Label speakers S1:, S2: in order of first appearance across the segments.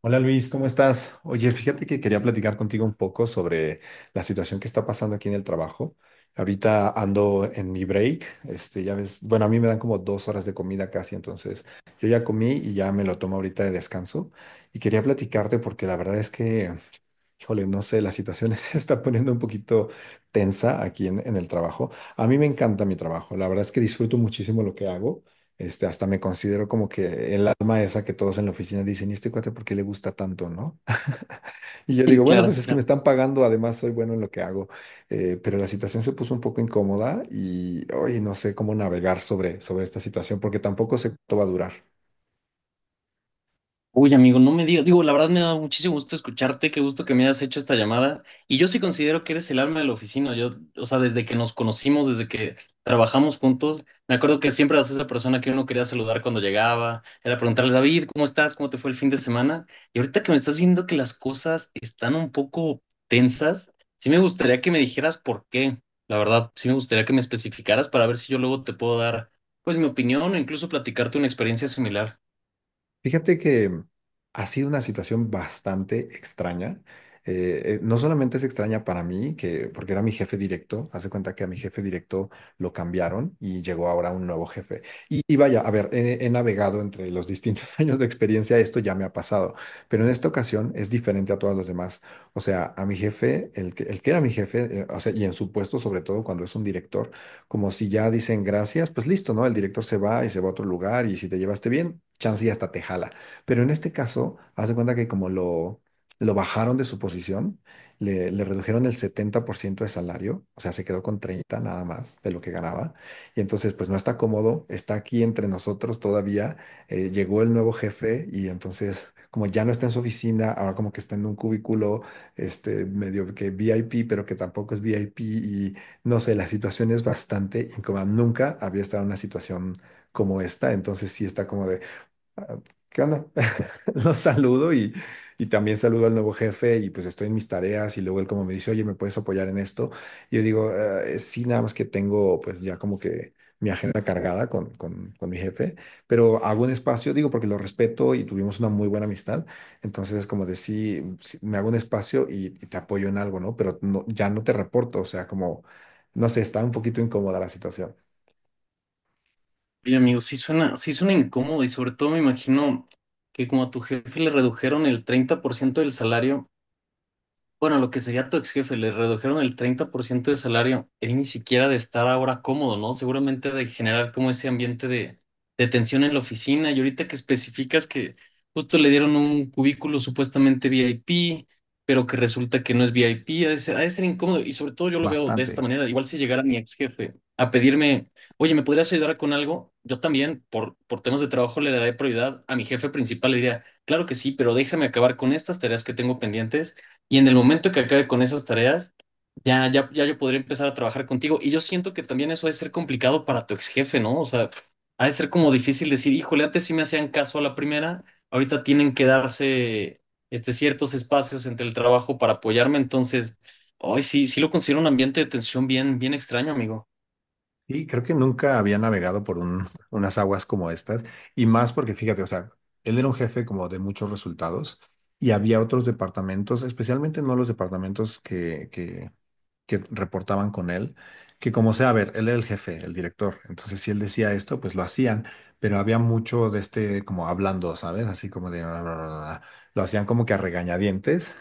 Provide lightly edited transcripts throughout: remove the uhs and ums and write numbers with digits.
S1: Hola Luis, ¿cómo estás? Oye, fíjate que quería platicar contigo un poco sobre la situación que está pasando aquí en el trabajo. Ahorita ando en mi break, este, ya ves, bueno, a mí me dan como 2 horas de comida casi, entonces yo ya comí y ya me lo tomo ahorita de descanso. Y quería platicarte porque la verdad es que, híjole, no sé, la situación se está poniendo un poquito tensa aquí en el trabajo. A mí me encanta mi trabajo, la verdad es que disfruto muchísimo lo que hago. Este, hasta me considero como que el alma esa que todos en la oficina dicen, ¿y este cuate por qué le gusta tanto, no? Y yo
S2: Sí,
S1: digo, bueno,
S2: claro,
S1: pues es que me
S2: claro.
S1: están pagando, además soy bueno en lo que hago. Pero la situación se puso un poco incómoda y hoy no sé cómo navegar sobre esta situación porque tampoco sé cuánto va a durar.
S2: Uy, amigo, no me digas. Digo, la verdad me da muchísimo gusto escucharte, qué gusto que me hayas hecho esta llamada. Y yo sí considero que eres el alma de la oficina. Yo, o sea, desde que nos conocimos, desde que trabajamos juntos, me acuerdo que siempre eras esa persona que uno quería saludar cuando llegaba, era preguntarle: David, ¿cómo estás? ¿Cómo te fue el fin de semana? Y ahorita que me estás diciendo que las cosas están un poco tensas, sí me gustaría que me dijeras por qué. La verdad, sí me gustaría que me especificaras para ver si yo luego te puedo dar, pues, mi opinión o incluso platicarte una experiencia similar.
S1: Fíjate que ha sido una situación bastante extraña. No solamente es extraña para mí, que, porque era mi jefe directo, haz de cuenta que a mi jefe directo lo cambiaron y llegó ahora un nuevo jefe. Y vaya, a ver, he navegado entre los distintos años de experiencia, esto ya me ha pasado, pero en esta ocasión es diferente a todas las demás. O sea, a mi jefe, el que era mi jefe, o sea, y en su puesto, sobre todo cuando es un director como si ya dicen gracias, pues listo, ¿no? El director se va y se va a otro lugar y si te llevaste bien, chance y hasta te jala. Pero en este caso, haz de cuenta que como lo bajaron de su posición, le redujeron el 70% de salario, o sea, se quedó con 30 nada más de lo que ganaba. Y entonces, pues no está cómodo, está aquí entre nosotros todavía. Llegó el nuevo jefe y entonces... Como ya no está en su oficina, ahora como que está en un cubículo, este, medio que VIP, pero que tampoco es VIP. No sé, la situación es bastante incómoda. Nunca había estado en una situación como esta, entonces sí está como de, ah, ¿qué onda? Lo saludo y también saludo al nuevo jefe y pues estoy en mis tareas y luego él como me dice, oye, ¿me puedes apoyar en esto? Y yo digo, sí, nada más que tengo pues ya como que mi agenda cargada con mi jefe, pero hago un espacio, digo, porque lo respeto y tuvimos una muy buena amistad, entonces es como de sí, sí, me hago un espacio y te apoyo en algo, ¿no? Pero no, ya no te reporto, o sea, como, no sé, está un poquito incómoda la situación,
S2: Oye, amigo, sí suena incómodo, y sobre todo me imagino que como a tu jefe le redujeron el 30% del salario, bueno, lo que sería tu ex jefe, le redujeron el 30% de salario. Él ni siquiera de estar ahora cómodo, ¿no? Seguramente de generar como ese ambiente de tensión en la oficina. Y ahorita que especificas que justo le dieron un cubículo supuestamente VIP, pero que resulta que no es VIP, ha de ser incómodo. Y sobre todo yo lo veo de esta
S1: bastante.
S2: manera. Igual si llegara mi ex jefe a pedirme, oye, ¿me podrías ayudar con algo? Yo también, por temas de trabajo, le daré prioridad a mi jefe principal. Le diría, claro que sí, pero déjame acabar con estas tareas que tengo pendientes, y en el momento que acabe con esas tareas, ya, ya, ya yo podría empezar a trabajar contigo. Y yo siento que también eso ha de ser complicado para tu ex jefe, ¿no? O sea, ha de ser como difícil decir, híjole, antes sí me hacían caso a la primera, ahorita tienen que darse este, ciertos espacios entre el trabajo para apoyarme. Entonces, hoy sí, sí lo considero un ambiente de tensión bien, bien extraño, amigo.
S1: Sí, creo que nunca había navegado por unas aguas como estas, y más porque fíjate, o sea, él era un jefe como de muchos resultados y había otros departamentos, especialmente no los departamentos que reportaban con él, que como sea, a ver, él era el jefe, el director, entonces si él decía esto, pues lo hacían, pero había mucho de este como hablando, ¿sabes? Así como de... "Ah", lo hacían como que a regañadientes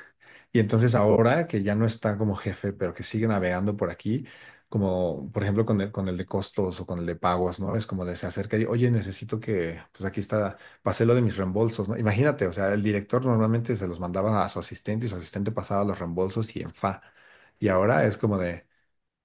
S1: y entonces ahora que ya no está como jefe, pero que sigue navegando por aquí, como por ejemplo con el de costos o con el de pagos, ¿no? Es como de se acerca y, oye, necesito que, pues aquí está, pasé lo de mis reembolsos, ¿no? Imagínate, o sea, el director normalmente se los mandaba a su asistente y su asistente pasaba los reembolsos y en fa. Y ahora es como de,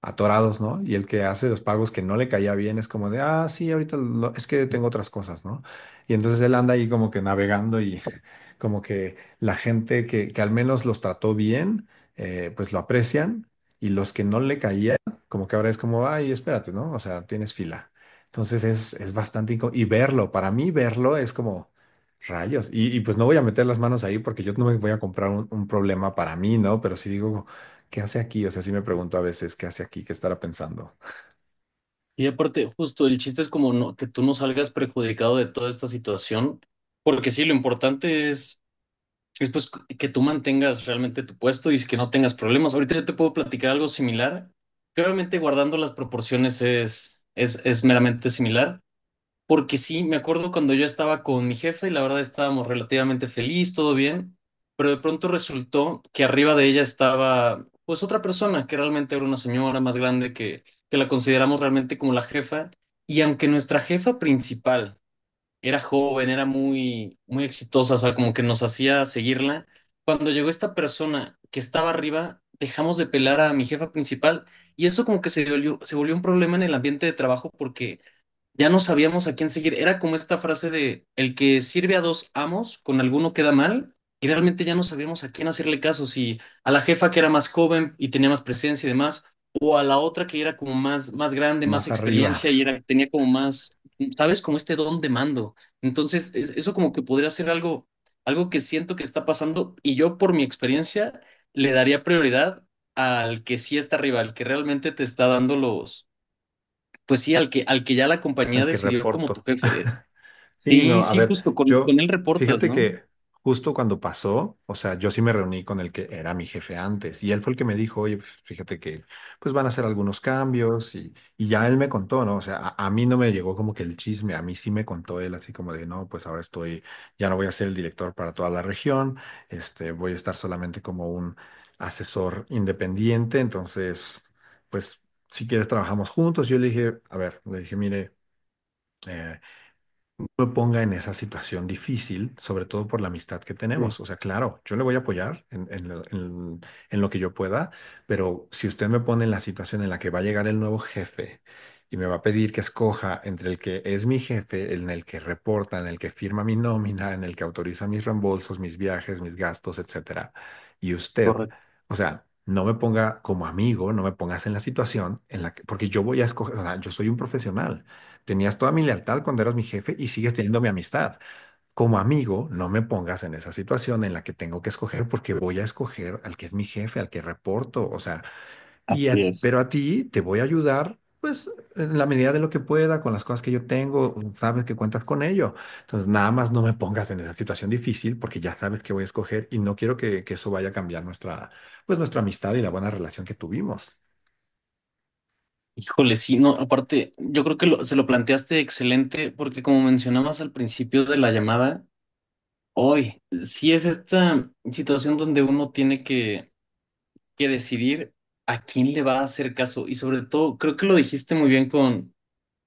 S1: atorados, ¿no? Y el que hace los pagos que no le caía bien es como de, ah, sí, es que tengo otras cosas, ¿no? Y entonces él anda ahí como que navegando y como que la gente que al menos los trató bien, pues lo aprecian y los que no le caía, como que ahora es como, ay, espérate, ¿no? O sea, tienes fila. Entonces es y verlo, para mí verlo es como... Rayos. Y pues no voy a meter las manos ahí porque yo no me voy a comprar un problema para mí, ¿no? Pero sí digo, ¿qué hace aquí? O sea, sí me pregunto a veces, ¿qué hace aquí? ¿Qué estará pensando?
S2: Y aparte, justo el chiste es como no, que tú no salgas perjudicado de toda esta situación, porque sí, lo importante es pues que tú mantengas realmente tu puesto y que no tengas problemas. Ahorita yo te puedo platicar algo similar, que obviamente guardando las proporciones es, es meramente similar, porque sí, me acuerdo cuando yo estaba con mi jefe y la verdad estábamos relativamente feliz, todo bien, pero de pronto resultó que arriba de ella estaba pues otra persona, que realmente era una señora más grande que la consideramos realmente como la jefa, y aunque nuestra jefa principal era joven, era muy, muy exitosa, o sea, como que nos hacía seguirla. Cuando llegó esta persona que estaba arriba, dejamos de pelar a mi jefa principal, y eso como que se volvió un problema en el ambiente de trabajo porque ya no sabíamos a quién seguir. Era como esta frase de el que sirve a dos amos, con alguno queda mal, y realmente ya no sabíamos a quién hacerle caso, si a la jefa que era más joven y tenía más presencia y demás, o a la otra que era como más, más grande, más
S1: Más arriba,
S2: experiencia y era, tenía como más, ¿sabes? Como este don de mando. Entonces, eso como que podría ser algo, algo que siento que está pasando, y yo por mi experiencia le daría prioridad al que sí está arriba, al que realmente te está dando los pues sí, al que ya la compañía
S1: al que
S2: decidió como tu
S1: reporto.
S2: jefe.
S1: Sí,
S2: Sí,
S1: no, a
S2: sí,
S1: ver,
S2: justo
S1: yo,
S2: con él reportas,
S1: fíjate
S2: ¿no?
S1: que justo cuando pasó, o sea, yo sí me reuní con el que era mi jefe antes y él fue el que me dijo, oye, pues, fíjate que pues van a hacer algunos cambios y ya él me contó, ¿no? O sea, a mí no me llegó como que el chisme, a mí sí me contó él así como de, no, pues ahora estoy, ya no voy a ser el director para toda la región, este, voy a estar solamente como un asesor independiente, entonces, pues si quieres trabajamos juntos. Yo le dije, a ver, le dije, mire, eh, me ponga en esa situación difícil, sobre todo por la amistad que
S2: Sí,
S1: tenemos. O sea, claro, yo le voy a apoyar en lo que yo pueda, pero si usted me pone en la situación en la que va a llegar el nuevo jefe y me va a pedir que escoja entre el que es mi jefe, en el que reporta, en el que firma mi nómina, en el que autoriza mis reembolsos, mis viajes, mis gastos, etcétera, y usted,
S2: correcto.
S1: o sea, no me ponga como amigo, no me pongas en la situación en la que, porque yo voy a escoger, o sea, yo soy un profesional. Tenías toda mi lealtad cuando eras mi jefe y sigues teniendo mi amistad. Como amigo, no me pongas en esa situación en la que tengo que escoger porque voy a escoger al que es mi jefe, al que reporto, o sea,
S2: Así es.
S1: pero a ti te voy a ayudar, pues, en la medida de lo que pueda, con las cosas que yo tengo, sabes que cuentas con ello. Entonces, nada más no me pongas en esa situación difícil porque ya sabes que voy a escoger y no quiero que eso vaya a cambiar nuestra, pues, nuestra amistad y la buena relación que tuvimos.
S2: Híjole, sí, no, aparte, yo creo que se lo planteaste excelente, porque como mencionabas al principio de la llamada, hoy sí es esta situación donde uno tiene que decidir a quién le va a hacer caso. Y sobre todo, creo que lo dijiste muy bien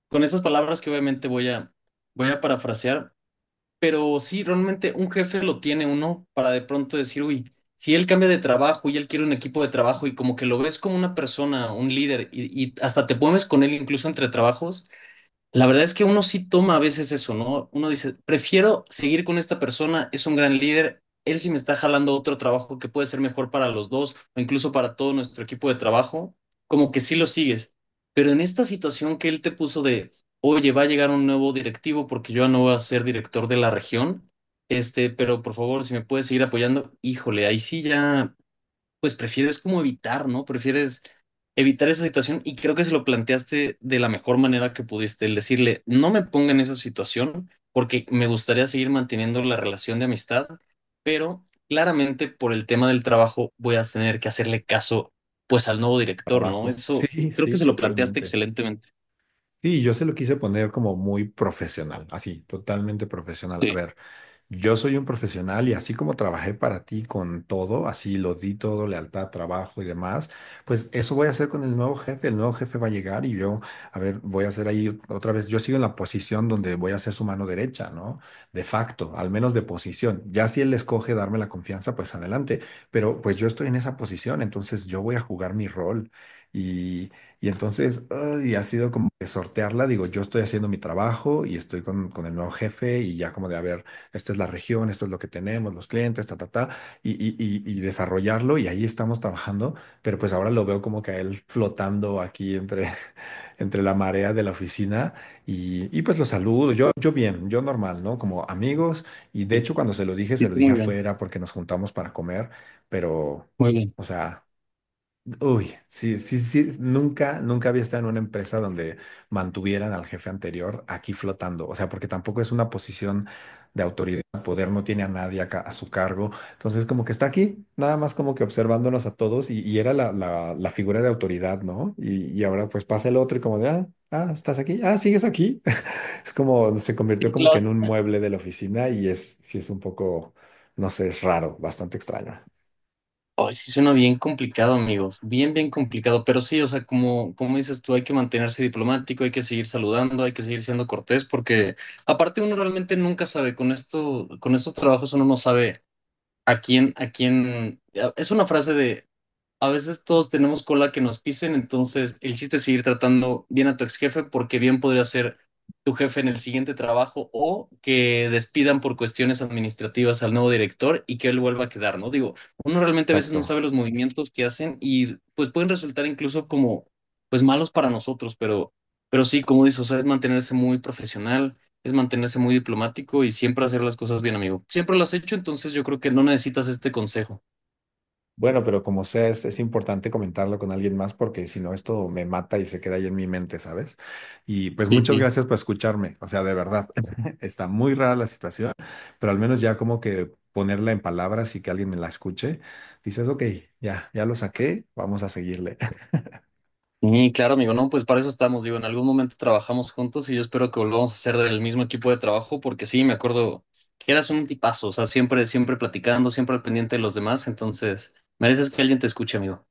S2: con estas palabras que obviamente voy a, voy a parafrasear. Pero sí, realmente un jefe lo tiene uno para de pronto decir, uy, si él cambia de trabajo y él quiere un equipo de trabajo, y como que lo ves como una persona, un líder, y hasta te pones con él incluso entre trabajos, la verdad es que uno sí toma a veces eso, ¿no? Uno dice, prefiero seguir con esta persona, es un gran líder, él sí me está jalando otro trabajo que puede ser mejor para los dos o incluso para todo nuestro equipo de trabajo, como que sí lo sigues. Pero en esta situación que él te puso de, oye, va a llegar un nuevo directivo porque yo ya no voy a ser director de la región, este, pero por favor, si me puedes seguir apoyando, híjole, ahí sí ya pues prefieres como evitar, ¿no? Prefieres evitar esa situación, y creo que se lo planteaste de la mejor manera que pudiste, el decirle, no me ponga en esa situación porque me gustaría seguir manteniendo la relación de amistad, pero claramente por el tema del trabajo voy a tener que hacerle caso pues al nuevo director, ¿no?
S1: Trabajo.
S2: Eso
S1: Sí,
S2: creo que
S1: sí,
S2: se lo planteaste
S1: totalmente.
S2: excelentemente.
S1: Sí, yo se lo quise poner como muy profesional, así, totalmente profesional. A
S2: Sí,
S1: ver, yo soy un profesional y así como trabajé para ti con todo, así lo di todo, lealtad, trabajo y demás, pues eso voy a hacer con el nuevo jefe. El nuevo jefe va a llegar y yo, a ver, voy a hacer ahí otra vez, yo sigo en la posición donde voy a ser su mano derecha, ¿no? De facto, al menos de posición. Ya si él escoge darme la confianza, pues adelante. Pero pues yo estoy en esa posición, entonces yo voy a jugar mi rol. Y, y entonces, y ha sido como que sortearla, digo, yo estoy haciendo mi trabajo y estoy con el nuevo jefe y ya como de, a ver, esta es la región, esto es lo que tenemos, los clientes, ta, ta, ta, y desarrollarlo y ahí estamos trabajando, pero pues ahora lo veo como que a él flotando aquí entre, entre la marea de la oficina y pues lo saludo, yo bien, yo normal, ¿no? Como amigos y de
S2: sí,
S1: hecho cuando se
S2: sí,
S1: lo dije
S2: muy bien,
S1: afuera porque nos juntamos para comer, pero,
S2: muy bien.
S1: o sea... Uy, sí, sí, sí, nunca había estado en una empresa donde mantuvieran al jefe anterior aquí flotando, o sea, porque tampoco es una posición de autoridad, poder, no tiene a nadie acá a su cargo, entonces como que está aquí, nada más como que observándonos a todos y era la figura de autoridad, ¿no? Y ahora pues pasa el otro y como de, ah, ah, estás aquí, ah, sigues aquí, es como, se convirtió
S2: Sí,
S1: como que en
S2: claro.
S1: un mueble de la oficina y es, sí es un poco, no sé, es raro, bastante extraño.
S2: Ay, sí suena bien complicado, amigos. Bien, bien complicado. Pero sí, o sea, como, como dices tú, hay que mantenerse diplomático, hay que seguir saludando, hay que seguir siendo cortés, porque aparte uno realmente nunca sabe, con esto, con estos trabajos uno no sabe a quién, a quién. Es una frase de a veces todos tenemos cola que nos pisen, entonces el chiste es seguir tratando bien a tu ex jefe porque bien podría ser tu jefe en el siguiente trabajo, o que despidan por cuestiones administrativas al nuevo director y que él vuelva a quedar, ¿no? Digo, uno realmente a veces no sabe
S1: Exacto.
S2: los movimientos que hacen y pues pueden resultar incluso como pues malos para nosotros, pero sí, como dices, o sea, es mantenerse muy profesional, es mantenerse muy diplomático y siempre hacer las cosas bien, amigo. Siempre las has hecho, entonces yo creo que no necesitas este consejo.
S1: Bueno, pero como sea, es importante comentarlo con alguien más porque si no, esto me mata y se queda ahí en mi mente, ¿sabes? Y pues
S2: Sí,
S1: muchas
S2: sí.
S1: gracias por escucharme. O sea, de verdad, está muy rara la situación, pero al menos ya como que ponerla en palabras y que alguien me la escuche, dices, ok, ya lo saqué, vamos a seguirle.
S2: Sí, claro, amigo, no, pues para eso estamos, digo, en algún momento trabajamos juntos y yo espero que volvamos a ser del mismo equipo de trabajo, porque sí, me acuerdo que eras un tipazo, o sea, siempre, siempre platicando, siempre al pendiente de los demás, entonces mereces que alguien te escuche, amigo.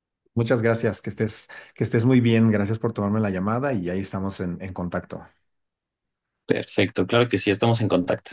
S1: Muchas gracias, que estés muy bien. Gracias por tomarme la llamada y ahí estamos en contacto.
S2: Perfecto, claro que sí, estamos en contacto.